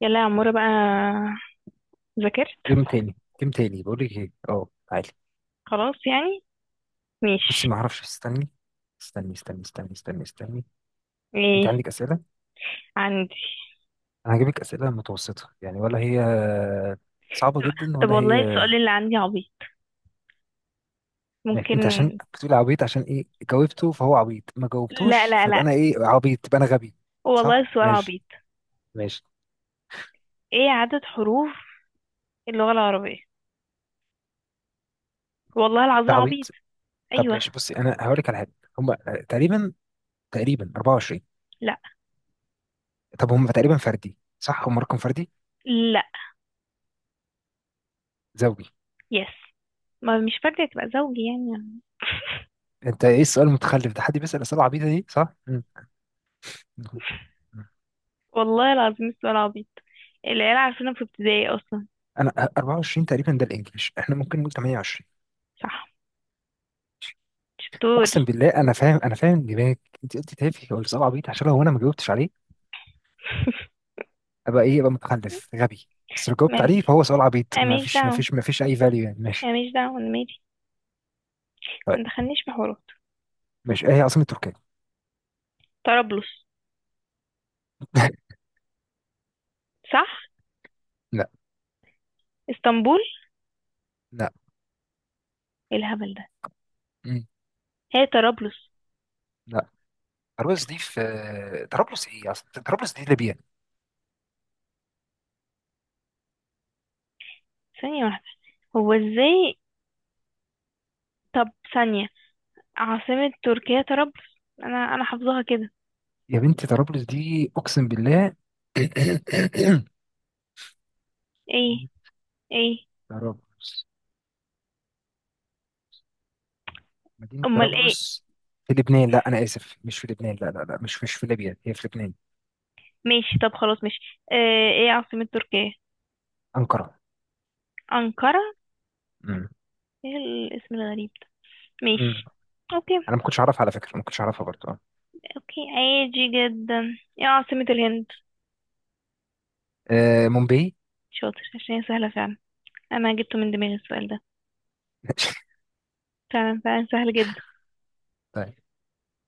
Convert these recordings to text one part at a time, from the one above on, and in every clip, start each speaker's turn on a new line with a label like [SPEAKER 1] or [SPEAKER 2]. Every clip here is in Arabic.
[SPEAKER 1] يلا يا عمورة بقى. ذاكرت؟
[SPEAKER 2] جيم تاني، جيم تاني، بقول لك ايه، تعالي.
[SPEAKER 1] خلاص يعني.
[SPEAKER 2] بصي،
[SPEAKER 1] ماشي.
[SPEAKER 2] ما اعرفش. استني استني استني استني استني استني. انت
[SPEAKER 1] ايه؟
[SPEAKER 2] عندك اسئله؟
[SPEAKER 1] عندي.
[SPEAKER 2] انا هجيبك اسئله متوسطه يعني، ولا هي صعبه جدا،
[SPEAKER 1] طب
[SPEAKER 2] ولا
[SPEAKER 1] والله
[SPEAKER 2] هي...
[SPEAKER 1] السؤال اللي عندي عبيط،
[SPEAKER 2] ماشي. انت عشان
[SPEAKER 1] ممكن؟
[SPEAKER 2] بتقول عبيط، عشان ايه؟ جاوبته فهو عبيط، ما
[SPEAKER 1] لا
[SPEAKER 2] جاوبتوش
[SPEAKER 1] لا
[SPEAKER 2] فبقى
[SPEAKER 1] لا،
[SPEAKER 2] انا ايه؟ عبيط؟ يبقى انا غبي؟
[SPEAKER 1] والله
[SPEAKER 2] صح،
[SPEAKER 1] السؤال
[SPEAKER 2] ماشي.
[SPEAKER 1] عبيط.
[SPEAKER 2] ماشي،
[SPEAKER 1] ايه عدد حروف اللغة العربية؟ والله
[SPEAKER 2] ده
[SPEAKER 1] العظيم عبيط.
[SPEAKER 2] عبيط. طب
[SPEAKER 1] ايوه.
[SPEAKER 2] ماشي، بصي، انا هقول لك على حاجه. هم تقريبا، 24.
[SPEAKER 1] لا.
[SPEAKER 2] طب هم تقريبا فردي، صح؟ هم رقم فردي؟
[SPEAKER 1] لا.
[SPEAKER 2] زوجي؟
[SPEAKER 1] يس. ما مش فاكرة، تبقى زوجي يعني.
[SPEAKER 2] انت ايه السؤال المتخلف ده؟ حد بيسال اسئله عبيطه دي؟ صح. مم. نعم.
[SPEAKER 1] والله العظيم السؤال عبيط، العيال عارفينه في ابتدائي اصلا.
[SPEAKER 2] انا 24 تقريبا ده الانجليش، احنا ممكن نقول 28.
[SPEAKER 1] صح. شطور.
[SPEAKER 2] اقسم بالله، انا فاهم، انا فاهم دماغك. انت قلت تافه ولا سؤال عبيط، عشان لو انا ما جاوبتش عليه ابقى ايه؟ ابقى متخلف غبي. بس لو
[SPEAKER 1] ما-
[SPEAKER 2] جاوبت عليه فهو سؤال عبيط،
[SPEAKER 1] أنا
[SPEAKER 2] ما
[SPEAKER 1] ماليش
[SPEAKER 2] فيش ما
[SPEAKER 1] دعوة،
[SPEAKER 2] فيش ما فيش اي فاليو يعني.
[SPEAKER 1] أنا
[SPEAKER 2] ماشي.
[SPEAKER 1] ماليش دعوة، أنا مالي. ما
[SPEAKER 2] طيب،
[SPEAKER 1] تدخلنيش في حوارات.
[SPEAKER 2] ماشي. ايه هي عاصمة تركيا؟
[SPEAKER 1] طرابلس. صح.
[SPEAKER 2] لا.
[SPEAKER 1] اسطنبول.
[SPEAKER 2] لا.
[SPEAKER 1] ايه الهبل ده؟
[SPEAKER 2] مم.
[SPEAKER 1] هي طرابلس.
[SPEAKER 2] لا. طرابلس دي في... طرابلس ايه اصلا؟ طرابلس دي ليبيا.
[SPEAKER 1] ثانية واحدة، هو ازاي؟ طب، ثانية. عاصمة تركيا طرابلس، انا حافظاها كده.
[SPEAKER 2] يا بنتي، طرابلس دي اقسم بالله...
[SPEAKER 1] ايه؟ ايه؟
[SPEAKER 2] طرابلس، مدينة
[SPEAKER 1] امال ايه؟
[SPEAKER 2] طرابلس في لبنان. لا، أنا آسف، مش في لبنان. لا لا لا، مش في ليبيا، هي في لبنان.
[SPEAKER 1] ماشي طب خلاص، ماشي اه. ايه عاصمة تركيا؟
[SPEAKER 2] أنقرة.
[SPEAKER 1] انقرة.
[SPEAKER 2] امم
[SPEAKER 1] ايه الاسم الغريب ده؟
[SPEAKER 2] امم
[SPEAKER 1] ماشي. اوكي.
[SPEAKER 2] أنا ما كنتش أعرفها على فكرة، ما كنتش أعرفها برضه. آه.
[SPEAKER 1] اوكي عادي جدا. ايه عاصمة الهند؟
[SPEAKER 2] مومباي.
[SPEAKER 1] شاطر، عشان هي سهلة فعلا. انا جبته من دماغي السؤال ده. فعلا فعلا سهل جدا.
[SPEAKER 2] طيب،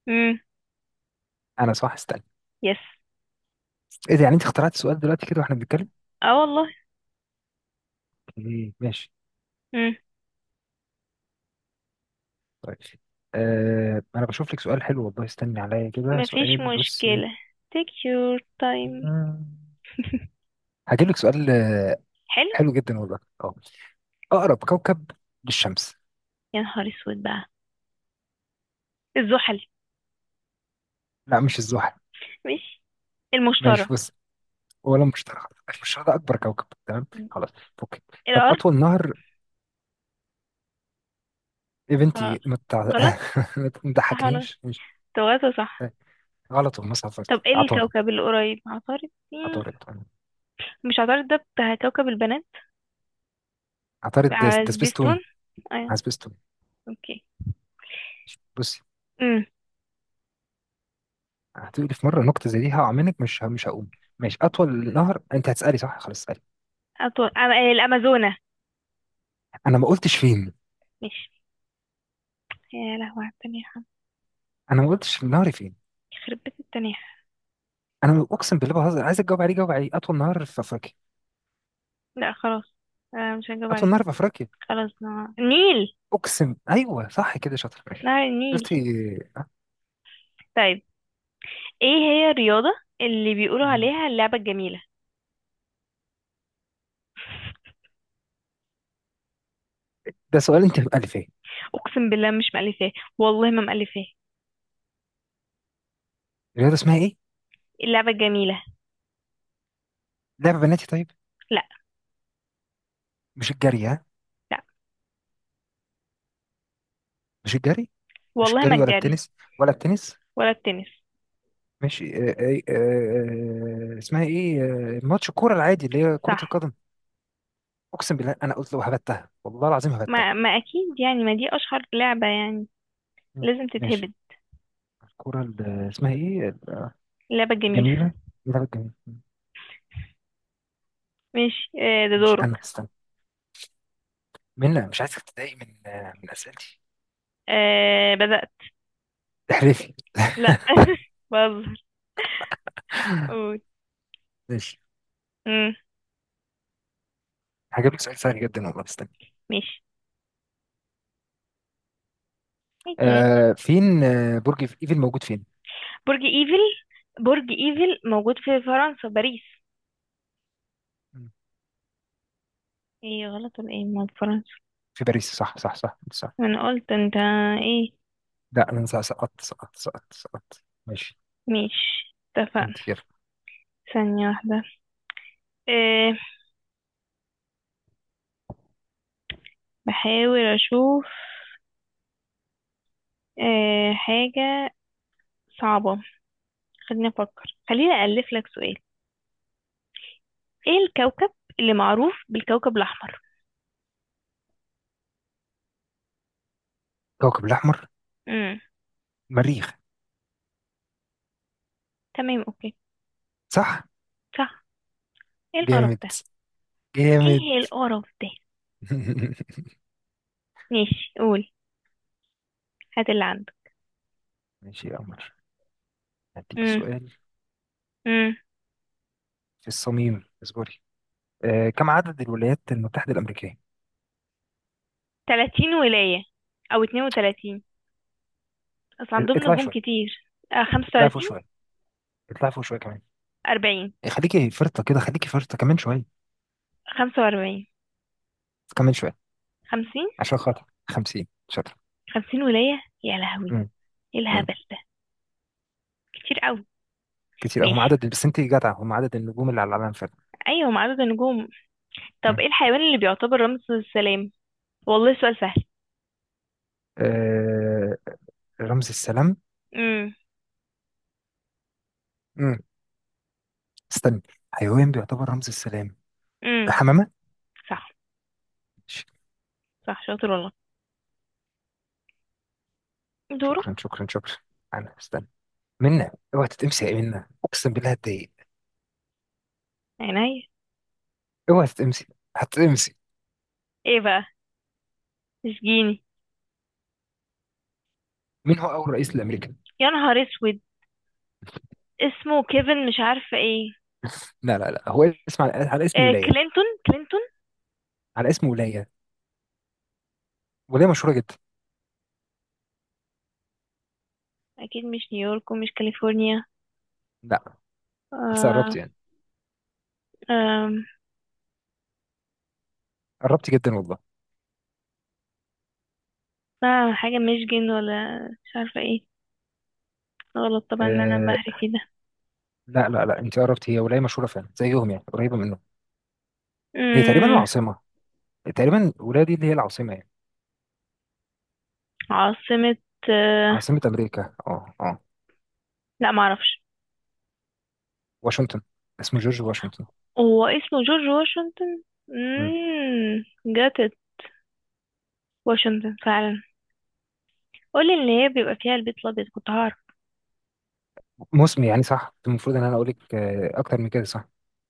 [SPEAKER 1] امم.
[SPEAKER 2] أنا صح، استنى.
[SPEAKER 1] يس.
[SPEAKER 2] إيه ده؟ يعني أنت اخترعت السؤال دلوقتي كده وإحنا بنتكلم؟
[SPEAKER 1] اه والله.
[SPEAKER 2] إيه، ماشي.
[SPEAKER 1] امم.
[SPEAKER 2] طيب. أنا بشوف لك سؤال حلو والله، استني عليا كده،
[SPEAKER 1] مفيش
[SPEAKER 2] سؤال. بصي.
[SPEAKER 1] مشكلة. take your time.
[SPEAKER 2] هجيب لك سؤال،
[SPEAKER 1] حلو.
[SPEAKER 2] حلو جدا والله. أه أقرب كوكب للشمس.
[SPEAKER 1] يا نهار اسود بقى. الزحل.
[SPEAKER 2] لا، مش الزحل.
[SPEAKER 1] ماشي. المشتري.
[SPEAKER 2] ماشي، بص، ولا مش ترى، مش ده اكبر كوكب، تمام، خلاص، اوكي. طب
[SPEAKER 1] الارض.
[SPEAKER 2] اطول نهر
[SPEAKER 1] آه،
[SPEAKER 2] ايفنتي، ما تع-
[SPEAKER 1] غلط.
[SPEAKER 2] ما
[SPEAKER 1] صح ولا غلط؟
[SPEAKER 2] تضحكنيش، مش...
[SPEAKER 1] توازو صح.
[SPEAKER 2] غلط ومصر، عطارد،
[SPEAKER 1] طب ايه
[SPEAKER 2] عطارد،
[SPEAKER 1] الكوكب القريب؟ عطارد. مم.
[SPEAKER 2] عطارد،
[SPEAKER 1] مش عطارد ده بتاع كوكب البنات
[SPEAKER 2] عطارد. ده
[SPEAKER 1] على سبيستون؟
[SPEAKER 2] سبيستون.
[SPEAKER 1] ايوه.
[SPEAKER 2] على سبيستون.
[SPEAKER 1] اوكي.
[SPEAKER 2] ماشي. بصي،
[SPEAKER 1] امم.
[SPEAKER 2] هتقولي في مره نكته زي دي هعملك، مش هقوم. ماشي، اطول نهر. انت هتسالي؟ صح، خلاص، اسالي.
[SPEAKER 1] أطول أم... الامازونة.
[SPEAKER 2] انا ما قلتش فين.
[SPEAKER 1] ماشي. يا لهوي على التنيحة.
[SPEAKER 2] انا ما قلتش نهري فين.
[SPEAKER 1] يخرب بيت التنيحة.
[SPEAKER 2] انا اقسم بالله، بهزر، عايزك تجاوب عليه، جاوب عليه، اطول نهر في افريقيا.
[SPEAKER 1] لا خلاص، مش هجاوب
[SPEAKER 2] اطول
[SPEAKER 1] عليه.
[SPEAKER 2] نهر في افريقيا.
[SPEAKER 1] خلاص نهار النيل.
[SPEAKER 2] اقسم، ايوه، صح كده، شاطر، ماشي.
[SPEAKER 1] نهر النيل.
[SPEAKER 2] شفتي؟
[SPEAKER 1] طيب، ايه هي الرياضة اللي بيقولوا عليها اللعبة الجميلة؟
[SPEAKER 2] ده سؤال انت مألفاه.
[SPEAKER 1] اقسم بالله مش مألفاه، والله ما مألفاه.
[SPEAKER 2] الرياضة اسمها ايه؟
[SPEAKER 1] اللعبة جميلة.
[SPEAKER 2] لعبة بناتي طيب؟
[SPEAKER 1] لا.
[SPEAKER 2] مش الجري ها؟
[SPEAKER 1] لا.
[SPEAKER 2] مش الجري؟ مش
[SPEAKER 1] والله ما
[SPEAKER 2] الجري ولا
[SPEAKER 1] الجري.
[SPEAKER 2] التنس؟ ولا التنس؟
[SPEAKER 1] ولا التنس.
[SPEAKER 2] ماشي. اسمها ايه؟ ماتش الكورة العادي اللي هي كرة
[SPEAKER 1] صح.
[SPEAKER 2] القدم. اقسم بالله، انا قلت لو هبتها والله العظيم هبتها.
[SPEAKER 1] ما اكيد يعني، ما دي اشهر لعبة يعني،
[SPEAKER 2] مم.
[SPEAKER 1] لازم
[SPEAKER 2] ماشي،
[SPEAKER 1] تتهبد.
[SPEAKER 2] الكورة اسمها ايه؟
[SPEAKER 1] لعبة جميلة.
[SPEAKER 2] الجميلة اللعبة الجميلة. مم.
[SPEAKER 1] ماشي ده
[SPEAKER 2] ماشي،
[SPEAKER 1] دورك.
[SPEAKER 2] انا استنى. منى، مش عايزك تتضايق من اسئلتي.
[SPEAKER 1] بدأت.
[SPEAKER 2] احرفي.
[SPEAKER 1] لا. بهزر. قول.
[SPEAKER 2] ماشي،
[SPEAKER 1] امم.
[SPEAKER 2] هجيب لك سؤال سهل جدا والله، استنى.
[SPEAKER 1] ماشي. عادي عادي.
[SPEAKER 2] آه، فين آه، برج ايفل موجود فين؟
[SPEAKER 1] برج ايفل، برج ايفل موجود في فرنسا باريس.
[SPEAKER 2] مم.
[SPEAKER 1] ايه، غلط ولا ايه؟ ما فرنسا.
[SPEAKER 2] في باريس، صح، صح، صح.
[SPEAKER 1] انا قلت. انت ايه؟
[SPEAKER 2] لا، انا سقطت سقطت سقطت سقطت سقطت. ماشي.
[SPEAKER 1] ماشي، اتفقنا.
[SPEAKER 2] انت، يلا.
[SPEAKER 1] ثانية واحدة. آه، بحاول اشوف. حاجة صعبة. خليني افكر، خليني أألف لك سؤال. ايه الكوكب اللي معروف بالكوكب الاحمر؟
[SPEAKER 2] كوكب الاحمر؟
[SPEAKER 1] امم.
[SPEAKER 2] مريخ.
[SPEAKER 1] تمام اوكي.
[SPEAKER 2] صح.
[SPEAKER 1] صح. ايه القرف
[SPEAKER 2] جامد،
[SPEAKER 1] ده؟
[SPEAKER 2] جامد.
[SPEAKER 1] ايه القرف ده؟ ماشي قول، هات اللي عندك.
[SPEAKER 2] ماشي يا قمر، هديك
[SPEAKER 1] امم
[SPEAKER 2] سؤال
[SPEAKER 1] امم
[SPEAKER 2] في الصميم، اصبري. كم عدد الولايات المتحدة الأمريكية؟
[SPEAKER 1] 30 ولاية، او 32. اصل عندهم
[SPEAKER 2] اطلعي
[SPEAKER 1] نجوم
[SPEAKER 2] شوية.
[SPEAKER 1] كتير.
[SPEAKER 2] اطلعي فوق
[SPEAKER 1] 35.
[SPEAKER 2] شوية. اطلعي فوق شوية كمان.
[SPEAKER 1] 40.
[SPEAKER 2] إيه، خليكي فرطة كده، خليكي فرطة كمان شوية.
[SPEAKER 1] 45.
[SPEAKER 2] كمان شوية.
[SPEAKER 1] 50.
[SPEAKER 2] عشان خاطر... 50 شاطر.
[SPEAKER 1] 50 ولاية، يا لهوي.
[SPEAKER 2] مم.
[SPEAKER 1] ايه
[SPEAKER 2] مم.
[SPEAKER 1] الهبل ده؟ كتير قوي.
[SPEAKER 2] كتير أوي. هم
[SPEAKER 1] ماشي،
[SPEAKER 2] عدد، بس انت جدعة، هم عدد النجوم اللي على العالم فعلا.
[SPEAKER 1] ايوه، مع عدد النجوم. طب
[SPEAKER 2] مم.
[SPEAKER 1] ايه الحيوان اللي بيعتبر رمز السلام؟ والله سؤال سهل.
[SPEAKER 2] آه رمز السلام.
[SPEAKER 1] امم.
[SPEAKER 2] مم. استنى، حيوان بيعتبر رمز السلام.
[SPEAKER 1] امم.
[SPEAKER 2] الحمامة.
[SPEAKER 1] صح.
[SPEAKER 2] ش-
[SPEAKER 1] صح شاطر والله. دورك.
[SPEAKER 2] شكرا، شكرا، شكرا. أنا استنى. منا، اوعى تتقمصي، يا منا أقسم بالله هتضايق.
[SPEAKER 1] عينيا.
[SPEAKER 2] اوعى تتقمصي، هتتقمصي.
[SPEAKER 1] ايه بقى؟ اشجيني.
[SPEAKER 2] مين هو أول رئيس لأمريكا؟
[SPEAKER 1] يا نهار اسود. اسمه كيفن، مش عارفه ايه.
[SPEAKER 2] لا لا لا، هو اسم على اسم ولاية.
[SPEAKER 1] كلينتون كلينتون.
[SPEAKER 2] على اسم ولاية، ولاية مشهورة جدا.
[SPEAKER 1] اكيد مش نيويورك ومش كاليفورنيا.
[SPEAKER 2] لا، بس
[SPEAKER 1] آه
[SPEAKER 2] قربت يعني،
[SPEAKER 1] آه
[SPEAKER 2] قربت جدا والله.
[SPEAKER 1] حاجه ميشيغان ولا مش عارفه ايه. غلط طبعا، اللي انا
[SPEAKER 2] أه
[SPEAKER 1] بهري فيه ده.
[SPEAKER 2] لا لا لا، أنت قربت. هي ولاية مشهورة فعلا زيهم، يعني قريبة منهم. هي تقريبا
[SPEAKER 1] امم.
[SPEAKER 2] العاصمة، تقريبا الولاية دي اللي هي العاصمة يعني.
[SPEAKER 1] عاصمه. آه
[SPEAKER 2] عاصمة أمريكا،
[SPEAKER 1] لا معرفش.
[SPEAKER 2] واشنطن. اسمه جورج واشنطن.
[SPEAKER 1] هو اسمه جورج واشنطن؟ جت واشنطن فعلا. قولي اللي هي بيبقى فيها البيت الابيض كنت هعرف.
[SPEAKER 2] موسمي يعني، صح، المفروض ان انا اقول لك اكتر من كده، صح.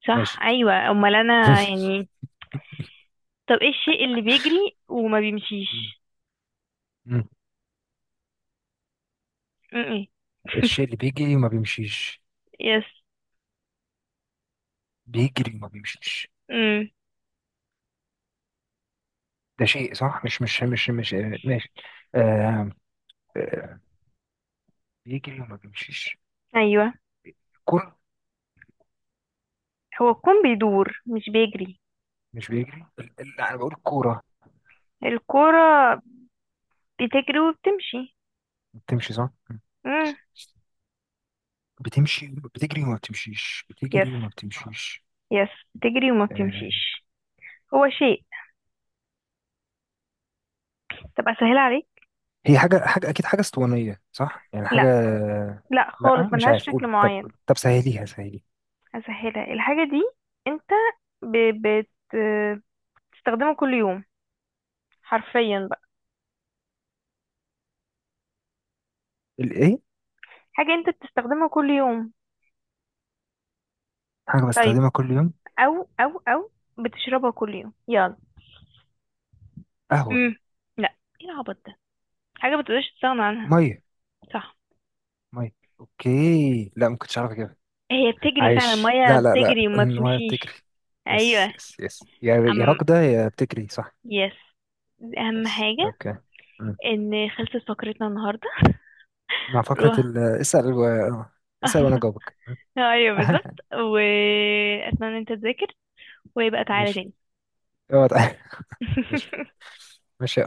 [SPEAKER 1] صح.
[SPEAKER 2] ماشي.
[SPEAKER 1] ايوه، امال انا يعني. طب ايه الشيء اللي بيجري وما بيمشيش؟
[SPEAKER 2] مم.
[SPEAKER 1] م-م.
[SPEAKER 2] الشيء اللي بيجري وما بيمشيش؟
[SPEAKER 1] يس.
[SPEAKER 2] بيجري وما بيمشيش؟
[SPEAKER 1] امم.
[SPEAKER 2] ده شيء، صح، مش مش مش مش آه، ماشي. آه آه، بيجري وما بيمشيش...
[SPEAKER 1] ايوه.
[SPEAKER 2] الكرة.
[SPEAKER 1] هو الكون بيدور مش بيجري.
[SPEAKER 2] مش بيجري لا، انا بقول الكورة.
[SPEAKER 1] الكرة بتجري وبتمشي.
[SPEAKER 2] بتمشي، صح. مم.
[SPEAKER 1] امم.
[SPEAKER 2] بتمشي. بتجري وما بتمشيش؟
[SPEAKER 1] يس
[SPEAKER 2] بتجري وما بتمشيش؟
[SPEAKER 1] يس، بتجري وما
[SPEAKER 2] آه
[SPEAKER 1] بتمشيش. هو شيء. طب اسهلها عليك.
[SPEAKER 2] هي حاجة، أكيد حاجة اسطوانية، صح يعني،
[SPEAKER 1] لا.
[SPEAKER 2] حاجة.
[SPEAKER 1] لا
[SPEAKER 2] لا،
[SPEAKER 1] خالص،
[SPEAKER 2] مش
[SPEAKER 1] ملهاش
[SPEAKER 2] عارف،
[SPEAKER 1] شكل
[SPEAKER 2] قولي. طب
[SPEAKER 1] معين.
[SPEAKER 2] طب سهليها، سهليها.
[SPEAKER 1] اسهلها الحاجة دي. انت ب... بت... بتستخدمه كل يوم، حرفيا بقى.
[SPEAKER 2] الإيه؟
[SPEAKER 1] حاجة انت بتستخدمها كل يوم.
[SPEAKER 2] حاجة
[SPEAKER 1] طيب،
[SPEAKER 2] بستخدمها كل يوم؟
[SPEAKER 1] او او بتشربها كل يوم، يلا.
[SPEAKER 2] قهوة.
[SPEAKER 1] امم. لا ايه العبط ده. حاجة بتقدرش تستغنى عنها.
[SPEAKER 2] مية.
[SPEAKER 1] صح.
[SPEAKER 2] مية. اوكي، لا ما كنتش عارف كده.
[SPEAKER 1] هي بتجري فعلا.
[SPEAKER 2] عايش،
[SPEAKER 1] المية
[SPEAKER 2] لا لا لا،
[SPEAKER 1] بتجري وما
[SPEAKER 2] انها بتجري.
[SPEAKER 1] بتمشيش. ايوه.
[SPEAKER 2] يس، يس، يس، يا
[SPEAKER 1] ام.
[SPEAKER 2] راكدة يا بتجري، صح.
[SPEAKER 1] يس. دي اهم
[SPEAKER 2] يس،
[SPEAKER 1] حاجة.
[SPEAKER 2] اوكي. مم.
[SPEAKER 1] ان خلصت فقرتنا النهاردة.
[SPEAKER 2] مع فقرة
[SPEAKER 1] روح.
[SPEAKER 2] ال اسأل و... اسأل وانا جاوبك.
[SPEAKER 1] ايوه بالظبط، واتمنى ان انت تذاكر ويبقى تعالى
[SPEAKER 2] ماشي،
[SPEAKER 1] تاني.
[SPEAKER 2] اقعد. ماشي. ماشي.